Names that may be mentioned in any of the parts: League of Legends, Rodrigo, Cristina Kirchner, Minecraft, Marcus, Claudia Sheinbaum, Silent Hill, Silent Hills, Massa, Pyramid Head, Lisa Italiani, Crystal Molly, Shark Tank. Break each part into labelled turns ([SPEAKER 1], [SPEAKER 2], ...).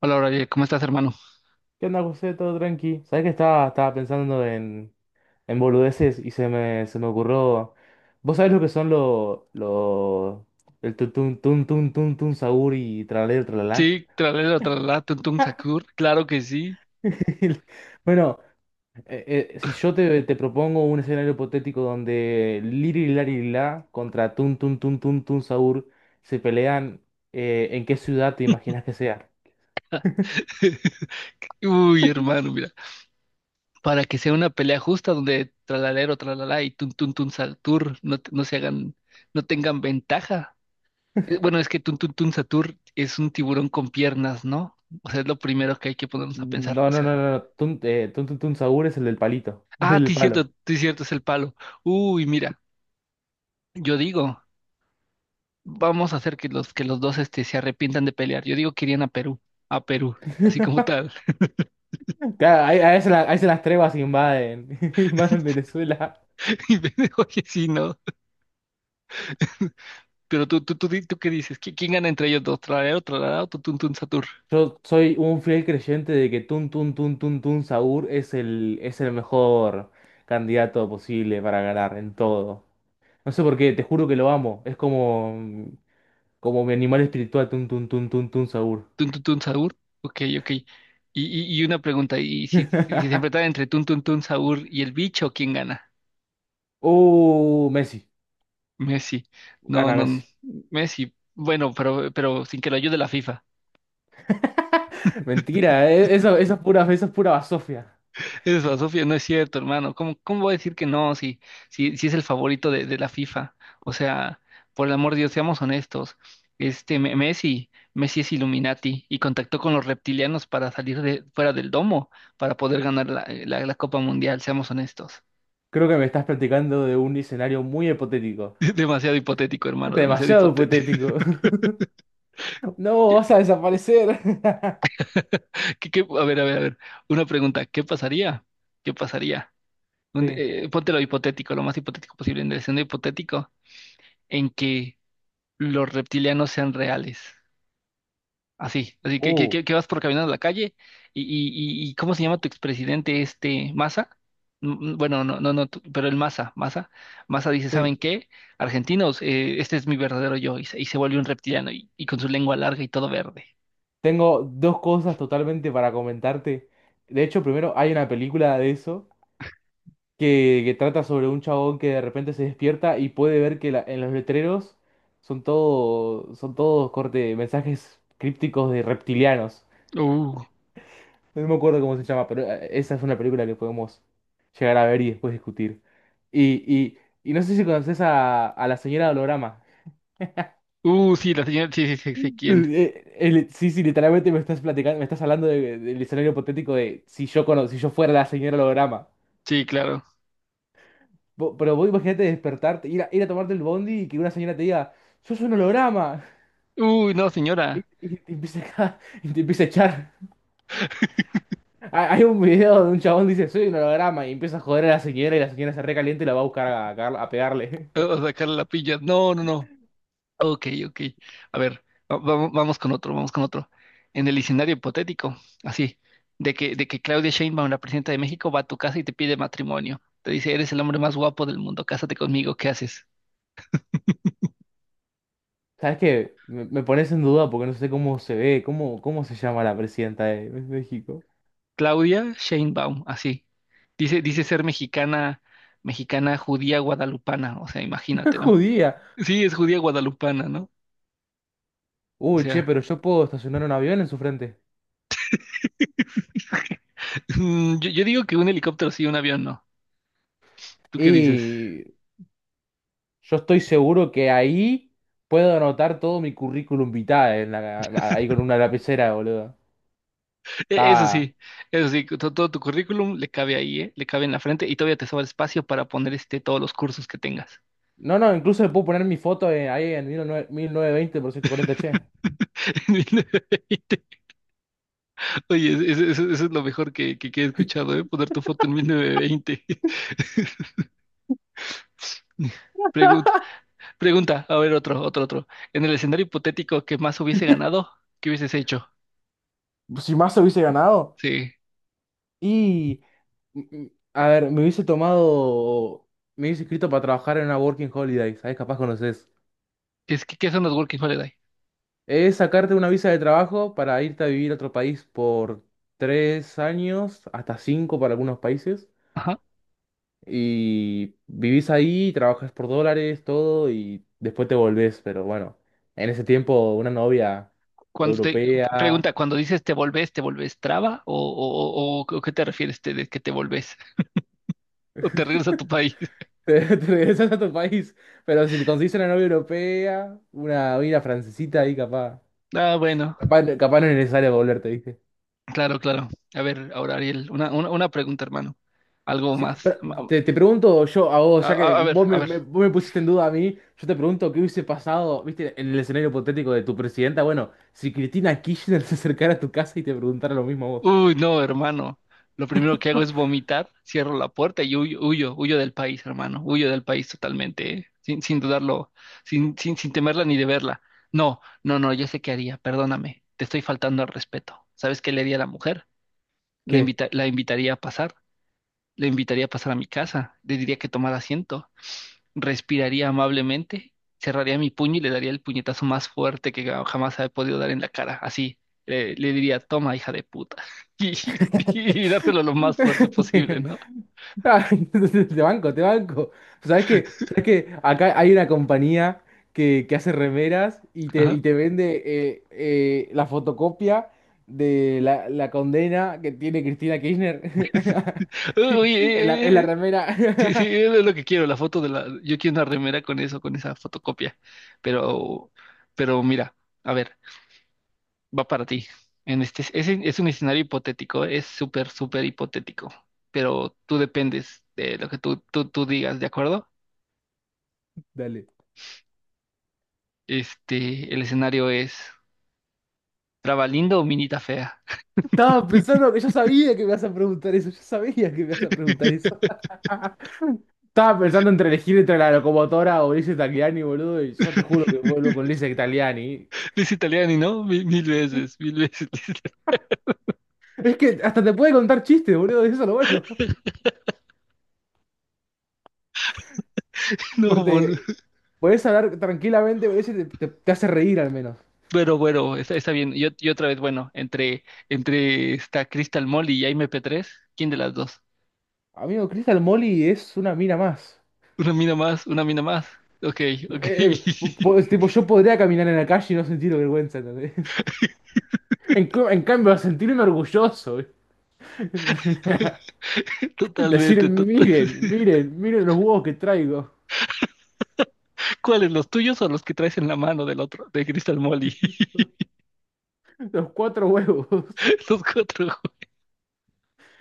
[SPEAKER 1] Hola, Brian, ¿cómo estás, hermano?
[SPEAKER 2] ¿Qué onda, José? Todo tranqui. ¿Sabés que estaba pensando en boludeces y se me ocurrió? ¿Vos sabés lo que son el tun tun tun tun tun tun saur y tralalero y
[SPEAKER 1] Sí,
[SPEAKER 2] tralalá?
[SPEAKER 1] tralala, tralala, tuntum sakur, claro que sí.
[SPEAKER 2] Bueno, si yo te propongo un escenario hipotético donde Liri Lari La contra Tun Tun Tun Tun Tun Saur se pelean, ¿en qué ciudad te imaginas que sea?
[SPEAKER 1] Uy, hermano, mira, para que sea una pelea justa donde tralalero, tralala y tuntum tun satur no se hagan, no tengan ventaja. Bueno, es que tuntum tun satur es un tiburón con piernas, ¿no? O sea, es lo primero que hay que ponernos a pensar,
[SPEAKER 2] No,
[SPEAKER 1] o
[SPEAKER 2] no, no,
[SPEAKER 1] sea.
[SPEAKER 2] no, no, Tun Tun Tun Saur es el del palito, es
[SPEAKER 1] Ah,
[SPEAKER 2] el del palo.
[SPEAKER 1] sí, cierto, es el palo. Uy, mira, yo digo, vamos a hacer que los dos este, se arrepientan de pelear. Yo digo que irían a Perú, así como tal.
[SPEAKER 2] Claro, ahí se las trevas invaden, invaden Venezuela.
[SPEAKER 1] Oye, sí, ¿no? Pero ¿tú qué dices? ¿Quién gana entre ellos dos? ¿Tralalero, tralalero, tutun, tun, satur?
[SPEAKER 2] Yo soy un fiel creyente de que Tun Tun Tun Tun Tun Saur es el mejor candidato posible para ganar en todo. No sé por qué, te juro que lo amo. Es como, como mi animal espiritual, Tun Tun Tun Tun Tun Saur.
[SPEAKER 1] ¿Tun, tun, tun, saur? Ok, ok. Y una pregunta, ¿y si, si se enfrentan entre tun, tun, tun, saur y el bicho, quién gana?
[SPEAKER 2] Messi,
[SPEAKER 1] Messi. No,
[SPEAKER 2] gana
[SPEAKER 1] no,
[SPEAKER 2] Messi.
[SPEAKER 1] Messi. Bueno, pero sin que lo ayude la FIFA.
[SPEAKER 2] Mentira, eso es pura basofia.
[SPEAKER 1] Eso, Sofía, no es cierto, hermano. ¿Cómo, cómo voy a decir que no si, si, si es el favorito de la FIFA? O sea, por el amor de Dios, seamos honestos. Messi, Messi es Illuminati y contactó con los reptilianos para salir de, fuera del domo, para poder ganar la Copa Mundial, seamos honestos.
[SPEAKER 2] Creo que me estás platicando de un escenario muy hipotético.
[SPEAKER 1] Demasiado hipotético, hermano, demasiado
[SPEAKER 2] Demasiado
[SPEAKER 1] hipotético.
[SPEAKER 2] hipotético. No, vas a desaparecer.
[SPEAKER 1] A ver, a ver, a ver. Una pregunta, ¿qué pasaría? ¿Qué pasaría?
[SPEAKER 2] Sí.
[SPEAKER 1] Ponte lo hipotético, lo más hipotético posible, en el escenario hipotético, en que los reptilianos sean reales. Así, así
[SPEAKER 2] Uh,
[SPEAKER 1] que vas por caminando a la calle y ¿cómo se llama tu expresidente este Massa? Bueno, no, no, no, tú, pero el Massa, Massa, Massa dice,
[SPEAKER 2] sí.
[SPEAKER 1] ¿saben qué? Argentinos, este es mi verdadero yo y se vuelve un reptiliano y con su lengua larga y todo verde.
[SPEAKER 2] Tengo dos cosas totalmente para comentarte. De hecho, primero hay una película de eso que trata sobre un chabón que de repente se despierta y puede ver que la- en los letreros son todos corte, mensajes crípticos de reptilianos.
[SPEAKER 1] Uh,
[SPEAKER 2] No me acuerdo cómo se llama, pero esa es una película que podemos llegar a ver y después discutir. Y, y, y no sé si conoces a la señora Holograma.
[SPEAKER 1] sí, la señora, sí, sí, sí, sí, ¿quién?
[SPEAKER 2] Sí, sí, literalmente me estás platicando, me estás hablando del escenario hipotético de si yo cono- si yo fuera la señora holograma.
[SPEAKER 1] Sí, claro.
[SPEAKER 2] Pero vos imagínate despertarte, ir a, ir a tomarte el bondi y que una señora te diga, sos un holograma.
[SPEAKER 1] Uy, no,
[SPEAKER 2] Y,
[SPEAKER 1] señora,
[SPEAKER 2] y te empieza a, y te empieza a echar. Hay un video de un chabón dice, soy un holograma, y empieza a joder a la señora y la señora se recalienta y la va a buscar a pegarle.
[SPEAKER 1] o sacarle la pilla. No, no, no. Ok, ok. A ver, vamos con otro, vamos con otro. En el escenario hipotético, así, de que Claudia Sheinbaum, la presidenta de México, va a tu casa y te pide matrimonio. Te dice, eres el hombre más guapo del mundo, cásate conmigo, ¿qué haces?
[SPEAKER 2] ¿Sabes qué? Me pones en duda porque no sé cómo se ve, cómo se llama la presidenta de México.
[SPEAKER 1] Claudia Sheinbaum, así. Dice, dice ser mexicana, mexicana judía guadalupana, o sea,
[SPEAKER 2] Es
[SPEAKER 1] imagínate, ¿no?
[SPEAKER 2] judía.
[SPEAKER 1] Sí, es judía guadalupana, ¿no? O
[SPEAKER 2] Uy, che,
[SPEAKER 1] sea,
[SPEAKER 2] pero yo puedo estacionar un avión en su frente.
[SPEAKER 1] yo, yo digo que un helicóptero sí, un avión no. ¿Tú qué dices?
[SPEAKER 2] Y yo estoy seguro que ahí puedo anotar todo mi currículum vitae ahí con una lapicera, boludo.
[SPEAKER 1] E- Eso
[SPEAKER 2] Estaba.
[SPEAKER 1] sí, eso sí, todo, tu currículum le cabe ahí, ¿eh? Le cabe en la frente y todavía te sobra espacio para poner este, todos los cursos que tengas.
[SPEAKER 2] No, no, incluso le puedo poner mi foto ahí en 1920 por 740, che.
[SPEAKER 1] Oye, eso, eso es lo mejor que he escuchado, ¿eh? Poner tu foto en 1920. Pregunta, pregunta, a ver, otro, otro, otro. En el escenario hipotético que más hubiese ganado, ¿qué hubieses hecho?
[SPEAKER 2] Si más hubiese ganado.
[SPEAKER 1] Sí.
[SPEAKER 2] Y. mm, mm, A ver, me hubiese tomado. Me hubiese inscrito para trabajar en una Working Holiday. ¿Sabes? Capaz conoces.
[SPEAKER 1] ¿Qué son los Working Holiday?
[SPEAKER 2] Es sacarte una visa de trabajo para irte a vivir a otro país por 3 años, hasta cinco para algunos países.
[SPEAKER 1] Ajá.
[SPEAKER 2] Y vivís ahí, trabajas por dólares, todo, y después te volvés. Pero bueno, en ese tiempo una novia
[SPEAKER 1] Cuando te,
[SPEAKER 2] europea,
[SPEAKER 1] pregunta, cuando dices ¿te volvés traba? ¿O qué te refieres de que te volvés? ¿O te regresas a tu país?
[SPEAKER 2] te regresas a tu país. Pero si te conseguís una novia europea, una francesita ahí capaz.
[SPEAKER 1] Ah, bueno.
[SPEAKER 2] Capaz, capaz no es necesario volverte.
[SPEAKER 1] Claro, claro. A ver, ahora Ariel, una pregunta, hermano. Algo
[SPEAKER 2] Sí,
[SPEAKER 1] más.
[SPEAKER 2] pero te pregunto yo a vos, ya que
[SPEAKER 1] A ver, a ver.
[SPEAKER 2] vos me pusiste en duda a mí, yo te pregunto qué hubiese pasado, viste, en el escenario hipotético de tu presidenta, bueno, si Cristina Kirchner se acercara a tu casa y te preguntara lo mismo a vos.
[SPEAKER 1] Uy, no, hermano. Lo primero que hago es vomitar, cierro la puerta y huyo, huyo, huyo del país, hermano. Huyo del país totalmente, ¿eh? Sin, sin dudarlo, sin, sin, sin temerla ni de verla. No, no, no, yo sé qué haría, perdóname. Te estoy faltando al respeto. ¿Sabes qué le haría a la mujer?
[SPEAKER 2] ¿Qué?
[SPEAKER 1] La invitaría a pasar, le invitaría a pasar a mi casa, le diría que tomara asiento respiraría amablemente, cerraría mi puño y le daría el puñetazo más fuerte que jamás he podido dar en la cara. Así, le diría, toma, hija de puta. Y, y dártelo lo más fuerte posible, ¿no?
[SPEAKER 2] Ah, te banco, te banco. ¿Sabes qué? Acá hay una compañía que hace remeras y te,
[SPEAKER 1] Ajá.
[SPEAKER 2] y te vende la fotocopia de la condena que tiene Cristina Kirchner en la, en
[SPEAKER 1] Oye,
[SPEAKER 2] la
[SPEAKER 1] sí, sí,
[SPEAKER 2] remera.
[SPEAKER 1] es lo que quiero, la foto de la... Yo quiero una remera con eso, con esa fotocopia. Pero, pero mira, a ver, va para ti. Es un escenario hipotético, es súper, súper hipotético. Pero tú dependes de lo que tú digas, ¿de acuerdo?
[SPEAKER 2] Dale.
[SPEAKER 1] Este, el escenario es Trabalindo o Minita Fea.
[SPEAKER 2] Estaba pensando que yo sabía que me ibas a preguntar eso. Yo sabía que me ibas a preguntar eso. Estaba pensando entre elegir entre la locomotora o Lisa Italiani, boludo, y yo te juro que vuelvo con Lisa Italiani.
[SPEAKER 1] Liz Italiani, ¿no? Mil, veces, mil veces. Liz Italiani.
[SPEAKER 2] Es que hasta te puede contar chistes, boludo, eso es lo bueno.
[SPEAKER 1] No,
[SPEAKER 2] Corte,
[SPEAKER 1] boludo.
[SPEAKER 2] podés hablar tranquilamente, ese te hace reír al menos.
[SPEAKER 1] Pero bueno, está, está bien. Yo, y otra vez, bueno, entre esta Crystal Mall y Jaime P3, ¿quién de las dos?
[SPEAKER 2] Amigo, Crystal Molly es una mina más.
[SPEAKER 1] Una mina más, una mina más. Ok, ok.
[SPEAKER 2] Eh, eh, tipo, yo podría caminar en la calle y no sentir vergüenza, ¿entendés? En cambio, a sentirme orgulloso, ¿eh? Decir,
[SPEAKER 1] Totalmente, total.
[SPEAKER 2] miren, miren, miren los huevos que traigo.
[SPEAKER 1] ¿Cuáles, los tuyos o los que traes en la mano del otro, de Crystal Molly?
[SPEAKER 2] Los cuatro huevos.
[SPEAKER 1] Los cuatro.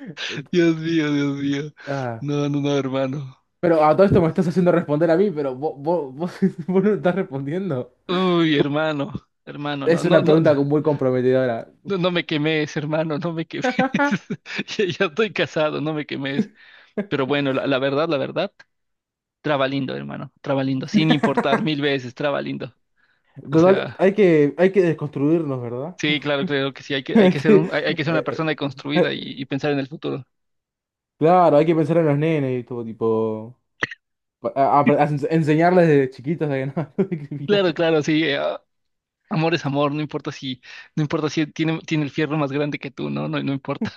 [SPEAKER 2] Eh,
[SPEAKER 1] Dios mío, Dios mío.
[SPEAKER 2] ah,
[SPEAKER 1] No, no, no, hermano.
[SPEAKER 2] pero a todo esto me estás haciendo responder a mí, pero vos, vos no estás respondiendo.
[SPEAKER 1] Uy, hermano, hermano, no,
[SPEAKER 2] Es
[SPEAKER 1] no,
[SPEAKER 2] una
[SPEAKER 1] no,
[SPEAKER 2] pregunta muy comprometedora.
[SPEAKER 1] no, no me quemes, hermano, no me quemes. Ya, ya estoy casado, no me quemes. Pero bueno, la, la verdad, trabalindo, hermano, trabalindo, sin importar mil veces, trabalindo. O
[SPEAKER 2] Total,
[SPEAKER 1] sea,
[SPEAKER 2] hay que desconstruirnos, ¿verdad?
[SPEAKER 1] sí, claro, claro que sí, hay
[SPEAKER 2] Hay
[SPEAKER 1] que ser
[SPEAKER 2] que-
[SPEAKER 1] un, hay que ser una
[SPEAKER 2] eh,
[SPEAKER 1] persona
[SPEAKER 2] eh,
[SPEAKER 1] construida
[SPEAKER 2] eh,
[SPEAKER 1] y pensar en el futuro.
[SPEAKER 2] claro, hay que pensar en los nenes y todo tipo. Enseñarles desde chiquitos a que no hay que discriminar.
[SPEAKER 1] Claro, claro, sí, amor es amor, no importa si, no importa si tiene, tiene el fierro más grande que tú, no, no, no importa.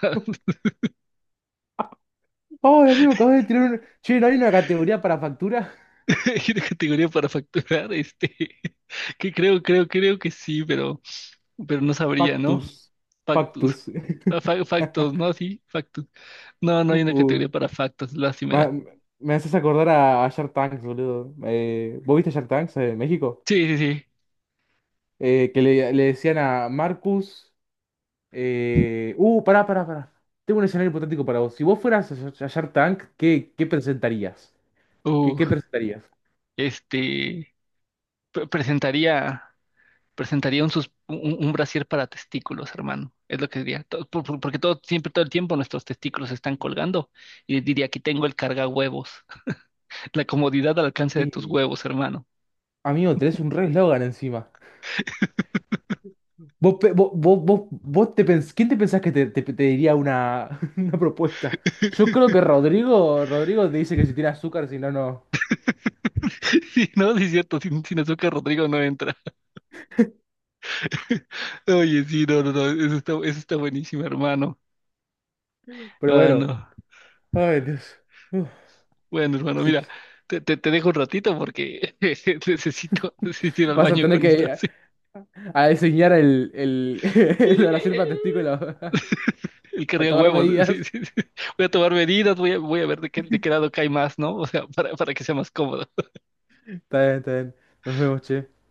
[SPEAKER 2] Oh, amigo, acabo de tirar un. Che, ¿no hay una categoría para factura?
[SPEAKER 1] Hay una categoría para facturar, este, que creo que sí, pero. Pero no sabría, ¿no?
[SPEAKER 2] Factus.
[SPEAKER 1] Factus.
[SPEAKER 2] Factus.
[SPEAKER 1] Ah, Factos, ¿no? Sí, factus. No, no hay una
[SPEAKER 2] Uh,
[SPEAKER 1] categoría para factos,
[SPEAKER 2] ma-
[SPEAKER 1] lástima.
[SPEAKER 2] me haces acordar a Shark Tanks, boludo. ¿Vos viste Shark Tanks en México?
[SPEAKER 1] Sí, sí, sí.
[SPEAKER 2] Que le decían a Marcus. Pará, pará, pará. Tengo un escenario hipotético para vos. Si vos fueras a Shark Tank, ¿qué presentarías? ¿Qué,
[SPEAKER 1] Uh,
[SPEAKER 2] qué presentarías?
[SPEAKER 1] este, presentaría, presentaría un brasier para testículos, hermano. Es lo que diría. To- por- Porque todo, siempre, todo el tiempo nuestros testículos están colgando. Y diría, aquí tengo el carga huevos. La comodidad al alcance de tus
[SPEAKER 2] Y,
[SPEAKER 1] huevos, hermano.
[SPEAKER 2] amigo, tenés un re eslogan encima. ¿Vos, pe- vos, vos, vos, vos te pens- ¿quién te pensás que te diría una, una propuesta? Yo creo que Rodrigo te dice que si tiene azúcar, si no, no.
[SPEAKER 1] Sí, no, sí es cierto, sin, sin azúcar Rodrigo no entra. Oye, sí, no, no, no, eso está buenísimo, hermano.
[SPEAKER 2] Pero
[SPEAKER 1] Ah,
[SPEAKER 2] bueno.
[SPEAKER 1] no.
[SPEAKER 2] Ay, Dios. Uf.
[SPEAKER 1] Bueno, hermano,
[SPEAKER 2] Así que
[SPEAKER 1] mira, te dejo un ratito porque necesito, necesito ir al
[SPEAKER 2] vas a
[SPEAKER 1] baño
[SPEAKER 2] tener
[SPEAKER 1] con esto.
[SPEAKER 2] que a,
[SPEAKER 1] sí.
[SPEAKER 2] a diseñar el, el oración para testículo,
[SPEAKER 1] El
[SPEAKER 2] a
[SPEAKER 1] carga
[SPEAKER 2] tomar
[SPEAKER 1] huevos. Sí,
[SPEAKER 2] medidas.
[SPEAKER 1] sí, sí. Voy a tomar medidas, voy a, voy a ver de qué lado cae más, ¿no? O sea, para que sea más cómodo.
[SPEAKER 2] Está bien, está bien. Nos vemos, che.